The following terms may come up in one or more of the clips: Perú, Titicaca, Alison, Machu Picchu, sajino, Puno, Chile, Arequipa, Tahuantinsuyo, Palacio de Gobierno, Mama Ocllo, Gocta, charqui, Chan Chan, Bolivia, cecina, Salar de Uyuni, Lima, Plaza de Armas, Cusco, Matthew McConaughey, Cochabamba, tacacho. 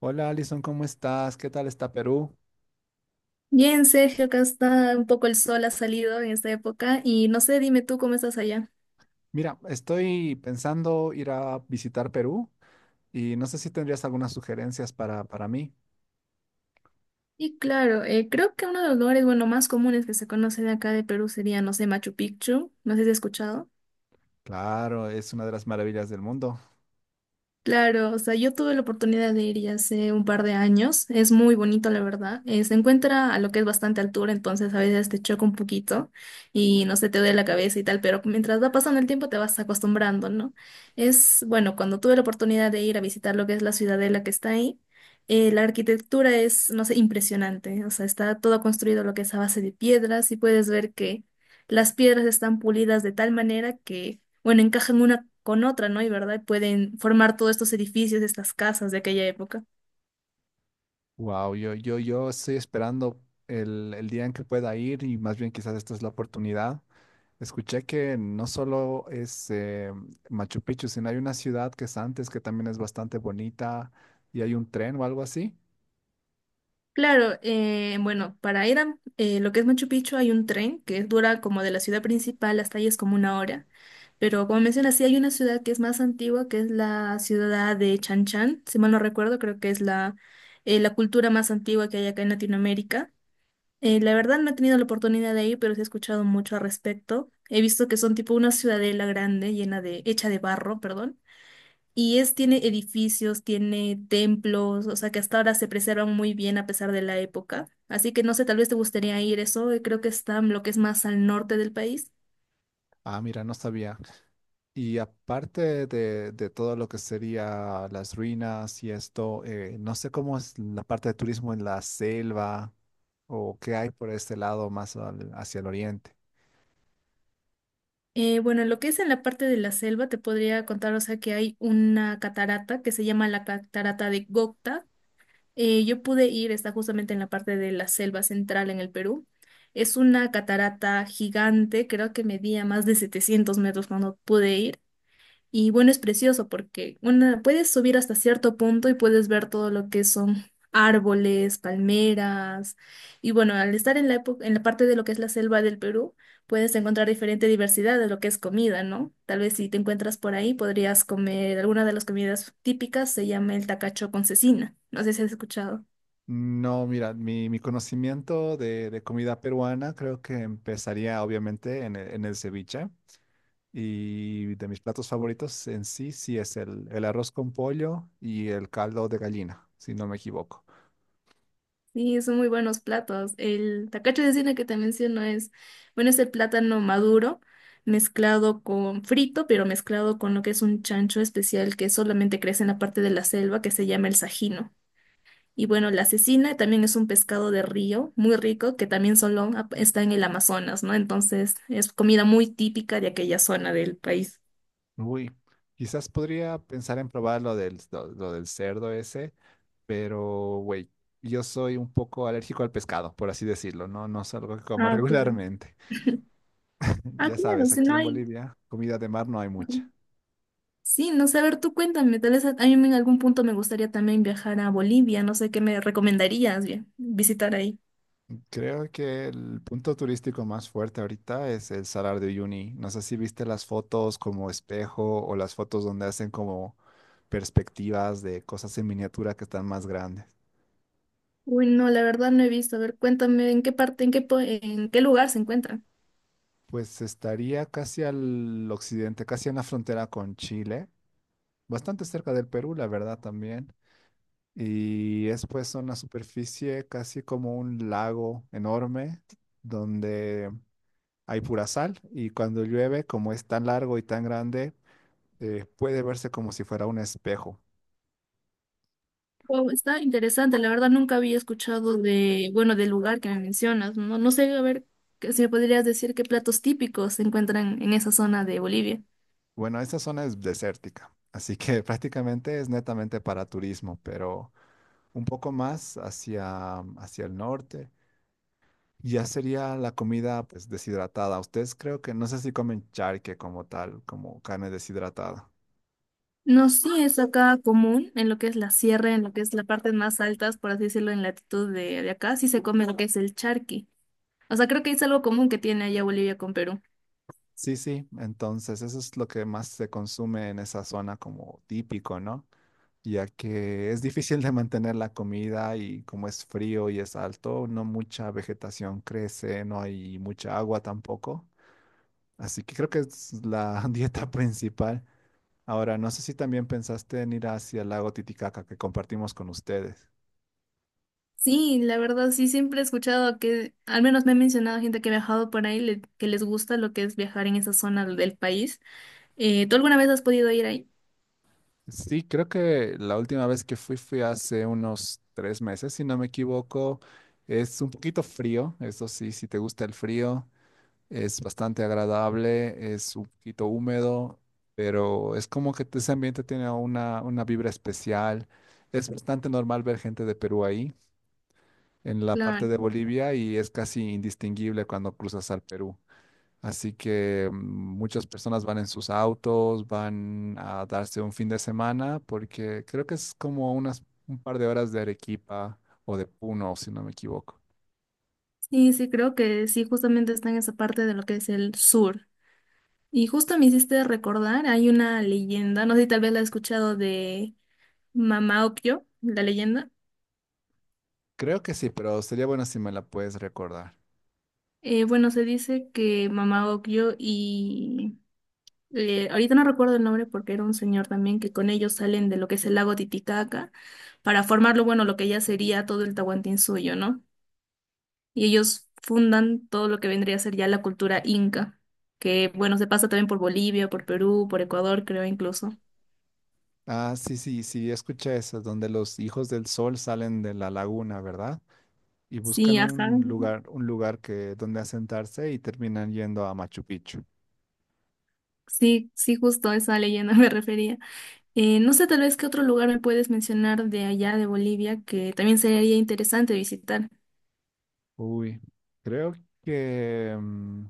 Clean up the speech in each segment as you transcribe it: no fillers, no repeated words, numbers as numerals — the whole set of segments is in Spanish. Hola Alison, ¿cómo estás? ¿Qué tal está Perú? Bien, Sergio, acá está un poco, el sol ha salido en esta época y no sé, dime tú cómo estás allá. Mira, estoy pensando ir a visitar Perú y no sé si tendrías algunas sugerencias para mí. Y claro, creo que uno de los lugares, bueno, más comunes que se conocen acá de Perú sería, no sé, Machu Picchu, no sé si has escuchado. Claro, es una de las maravillas del mundo. Claro, o sea, yo tuve la oportunidad de ir ya hace un par de años. Es muy bonito, la verdad. Se encuentra a lo que es bastante altura, entonces a veces te choca un poquito y no, se te duele la cabeza y tal, pero mientras va pasando el tiempo te vas acostumbrando, ¿no? Es, bueno, cuando tuve la oportunidad de ir a visitar lo que es la ciudadela que está ahí, la arquitectura es, no sé, impresionante. O sea, está todo construido lo que es a base de piedras y puedes ver que las piedras están pulidas de tal manera que, bueno, encajan una con otra, ¿no? Y verdad, pueden formar todos estos edificios, estas casas de aquella época. Wow, yo estoy esperando el día en que pueda ir y más bien quizás esta es la oportunidad. Escuché que no solo es Machu Picchu, sino hay una ciudad que es antes que también es bastante bonita y hay un tren o algo así. Claro, bueno, para ir a lo que es Machu Picchu hay un tren que dura como, de la ciudad principal hasta ahí es como una hora, pero como mencionas, sí hay una ciudad que es más antigua, que es la ciudad de Chan Chan, si mal no recuerdo, creo que es la cultura más antigua que hay acá en Latinoamérica. La verdad no he tenido la oportunidad de ir, pero sí he escuchado mucho al respecto. He visto que son tipo una ciudadela grande, llena de, hecha de barro, perdón. Y es, tiene edificios, tiene templos, o sea que hasta ahora se preservan muy bien a pesar de la época. Así que no sé, tal vez te gustaría ir eso, creo que está en lo que es más al norte del país. Ah, mira, no sabía. Y aparte de todo lo que sería las ruinas y esto, no sé cómo es la parte de turismo en la selva o qué hay por este lado más hacia el oriente. Bueno, en lo que es en la parte de la selva, te podría contar, o sea, que hay una catarata que se llama la catarata de Gocta. Yo pude ir, está justamente en la parte de la selva central en el Perú. Es una catarata gigante, creo que medía más de 700 metros cuando pude ir. Y bueno, es precioso porque, bueno, puedes subir hasta cierto punto y puedes ver todo lo que son árboles, palmeras. Y bueno, al estar en la época, en la parte de lo que es la selva del Perú, puedes encontrar diferente diversidad de lo que es comida, ¿no? Tal vez si te encuentras por ahí, podrías comer alguna de las comidas típicas, se llama el tacacho con cecina. No sé si has escuchado. No, mira, mi conocimiento de comida peruana creo que empezaría obviamente en el ceviche y de mis platos favoritos en sí, sí es el arroz con pollo y el caldo de gallina, si no me equivoco. Sí, son muy buenos platos. El tacacho de cine que te menciono es, bueno, es el plátano maduro mezclado con frito, pero mezclado con lo que es un chancho especial que solamente crece en la parte de la selva que se llama el sajino. Y bueno, la cecina también es un pescado de río muy rico que también solo está en el Amazonas, ¿no? Entonces es comida muy típica de aquella zona del país. Uy, quizás podría pensar en probar lo del cerdo ese, pero güey, yo soy un poco alérgico al pescado, por así decirlo, ¿no? No es algo que coma Ah, claro. regularmente. Ah, Ya claro, sabes, si aquí no en hay. Bolivia, comida de mar no hay mucha. Sí, no sé, a ver, tú cuéntame, tal vez a mí en algún punto me gustaría también viajar a Bolivia, no sé qué me recomendarías bien, visitar ahí. Creo que el punto turístico más fuerte ahorita es el Salar de Uyuni. No sé si viste las fotos como espejo o las fotos donde hacen como perspectivas de cosas en miniatura que están más grandes. Uy, no, la verdad no he visto, a ver, cuéntame en qué parte, en qué lugar se encuentra. Pues estaría casi al occidente, casi en la frontera con Chile, bastante cerca del Perú, la verdad también. Y es pues una superficie casi como un lago enorme donde hay pura sal y cuando llueve, como es tan largo y tan grande, puede verse como si fuera un espejo. Wow, está interesante, la verdad nunca había escuchado de, bueno, del lugar que me mencionas, no, no sé, a ver, que si me podrías decir qué platos típicos se encuentran en esa zona de Bolivia. Bueno, esta zona es desértica, así que prácticamente es netamente para turismo, pero un poco más hacia el norte. Ya sería la comida pues deshidratada. Ustedes creo que no sé si comen charque como tal, como carne deshidratada. No, sí, es acá común, en lo que es la sierra, en lo que es la parte más altas, por así decirlo, en latitud de acá, sí se come lo que es el charqui. O sea, creo que es algo común que tiene allá Bolivia con Perú. Sí, sí, entonces eso es lo que más se consume en esa zona como típico, ¿no? Ya que es difícil de mantener la comida y como es frío y es alto, no mucha vegetación crece, no hay mucha agua tampoco. Así que creo que es la dieta principal. Ahora, no sé si también pensaste en ir hacia el lago Titicaca que compartimos con ustedes. Sí, la verdad, sí, siempre he escuchado que, al menos me ha mencionado gente que ha viajado por ahí, que les gusta lo que es viajar en esa zona del país. ¿Tú alguna vez has podido ir ahí? Sí, creo que la última vez que fui hace unos 3 meses, si no me equivoco. Es un poquito frío, eso sí, si te gusta el frío, es bastante agradable, es un poquito húmedo, pero es como que ese ambiente tiene una vibra especial. Es bastante normal ver gente de Perú ahí, en la parte de Claro. Bolivia, y es casi indistinguible cuando cruzas al Perú. Así que muchas personas van en sus autos, van a darse un fin de semana, porque creo que es como unas un par de horas de Arequipa o de Puno, si no me equivoco. Sí, sí, creo que sí, justamente está en esa parte de lo que es el sur. Y justo me hiciste recordar, hay una leyenda, no sé si tal vez la has escuchado de Mama Ocllo, la leyenda. Creo que sí, pero sería bueno si me la puedes recordar. Bueno, se dice que Mama Ocllo y ahorita no recuerdo el nombre porque era un señor también que con ellos salen de lo que es el lago Titicaca para formarlo, bueno, lo que ya sería todo el Tahuantinsuyo, ¿no? Y ellos fundan todo lo que vendría a ser ya la cultura inca, que bueno, se pasa también por Bolivia, por Perú, por Ecuador, creo incluso. Ah, sí, sí, sí, escuché eso, donde los hijos del sol salen de la laguna, ¿verdad? Y Sí, buscan ajá. Un lugar que donde asentarse y terminan yendo a Machu Picchu. Sí, sí, justo a esa leyenda me refería. No sé, tal vez qué otro lugar me puedes mencionar de allá de Bolivia que también sería interesante visitar. Uy, creo que mm,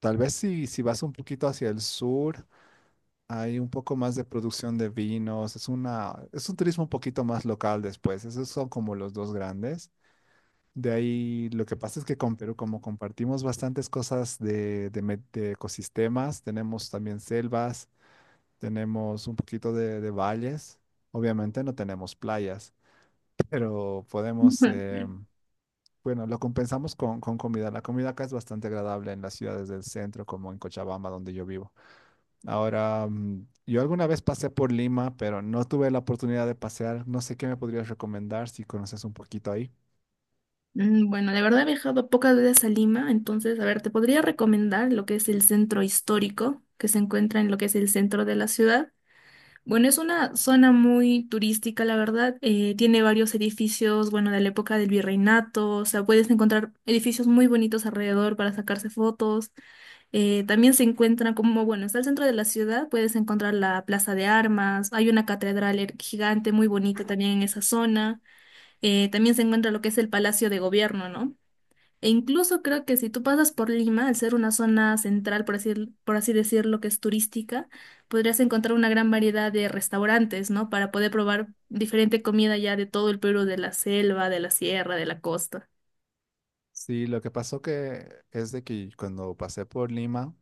Tal vez si vas un poquito hacia el sur, hay un poco más de producción de vinos, es una, es un turismo un poquito más local después, esos son como los dos grandes. De ahí lo que pasa es que con Perú, como compartimos bastantes cosas de ecosistemas, tenemos también selvas, tenemos un poquito de valles, obviamente no tenemos playas, pero podemos, bueno, lo compensamos con comida. La comida acá es bastante agradable en las ciudades del centro, como en Cochabamba, donde yo vivo. Ahora, yo alguna vez pasé por Lima, pero no tuve la oportunidad de pasear. No sé qué me podrías recomendar si conoces un poquito ahí. Mm, bueno, la verdad he viajado pocas veces a Lima, entonces, a ver, te podría recomendar lo que es el centro histórico, que se encuentra en lo que es el centro de la ciudad. Bueno, es una zona muy turística, la verdad. Tiene varios edificios, bueno, de la época del virreinato, o sea, puedes encontrar edificios muy bonitos alrededor para sacarse fotos. También se encuentra como, bueno, está el centro de la ciudad, puedes encontrar la Plaza de Armas, hay una catedral gigante muy bonita también en esa zona. También se encuentra lo que es el Palacio de Gobierno, ¿no? E incluso creo que si tú pasas por Lima, al ser una zona central, por así decirlo, que es turística, podrías encontrar una gran variedad de restaurantes, ¿no? Para poder probar diferente comida ya de todo el Perú, de la selva, de la sierra, de la costa. Sí, lo que pasó que es de que cuando pasé por Lima,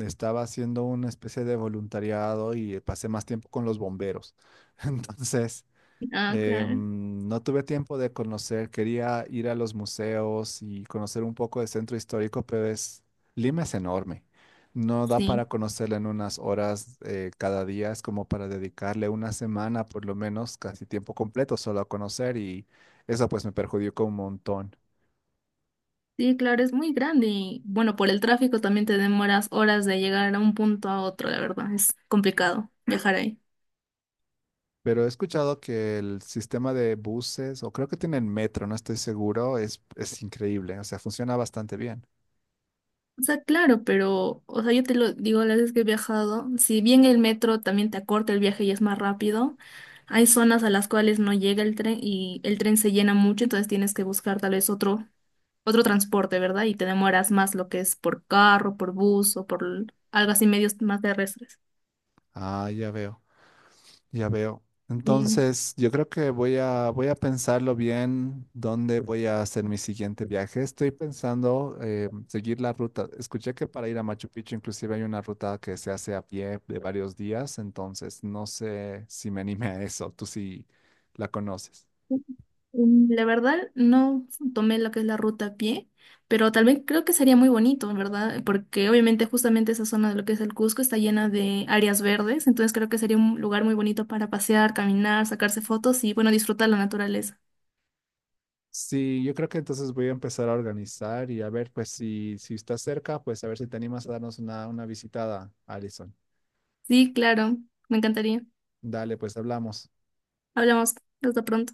estaba haciendo una especie de voluntariado y pasé más tiempo con los bomberos. Entonces, Ah, claro. No tuve tiempo de conocer, quería ir a los museos y conocer un poco del centro histórico, Lima es enorme. No da para Sí. conocerla en unas horas cada día, es como para dedicarle una semana por lo menos, casi tiempo completo solo a conocer y eso pues me perjudicó un montón. Sí, claro, es muy grande y bueno, por el tráfico también te demoras horas de llegar a un punto a otro, la verdad, es complicado viajar ahí. Pero he escuchado que el sistema de buses, o creo que tienen metro, no estoy seguro, es increíble, o sea, funciona bastante bien. O sea, claro, pero, o sea, yo te lo digo, las veces que he viajado, si bien el metro también te acorta el viaje y es más rápido, hay zonas a las cuales no llega el tren y el tren se llena mucho, entonces tienes que buscar tal vez otro transporte, ¿verdad? Y te demoras más lo que es por carro, por bus o por algo así, medios más terrestres. Ah, ya veo. Ya veo. Sí. Entonces, yo creo que voy a, voy a pensarlo bien dónde voy a hacer mi siguiente viaje. Estoy pensando seguir la ruta. Escuché que para ir a Machu Picchu inclusive hay una ruta que se hace a pie de varios días, entonces no sé si me anime a eso. Tú sí la conoces. Mm, la verdad, no tomé lo que es la ruta a pie, pero tal vez creo que sería muy bonito, ¿verdad? Porque obviamente justamente esa zona de lo que es el Cusco está llena de áreas verdes, entonces creo que sería un lugar muy bonito para pasear, caminar, sacarse fotos y, bueno, disfrutar la naturaleza. Sí, yo creo que entonces voy a empezar a organizar y a ver, pues si estás cerca, pues a ver si te animas a darnos una visitada, Alison. Sí, claro, me encantaría. Dale, pues hablamos. Hablamos, hasta pronto.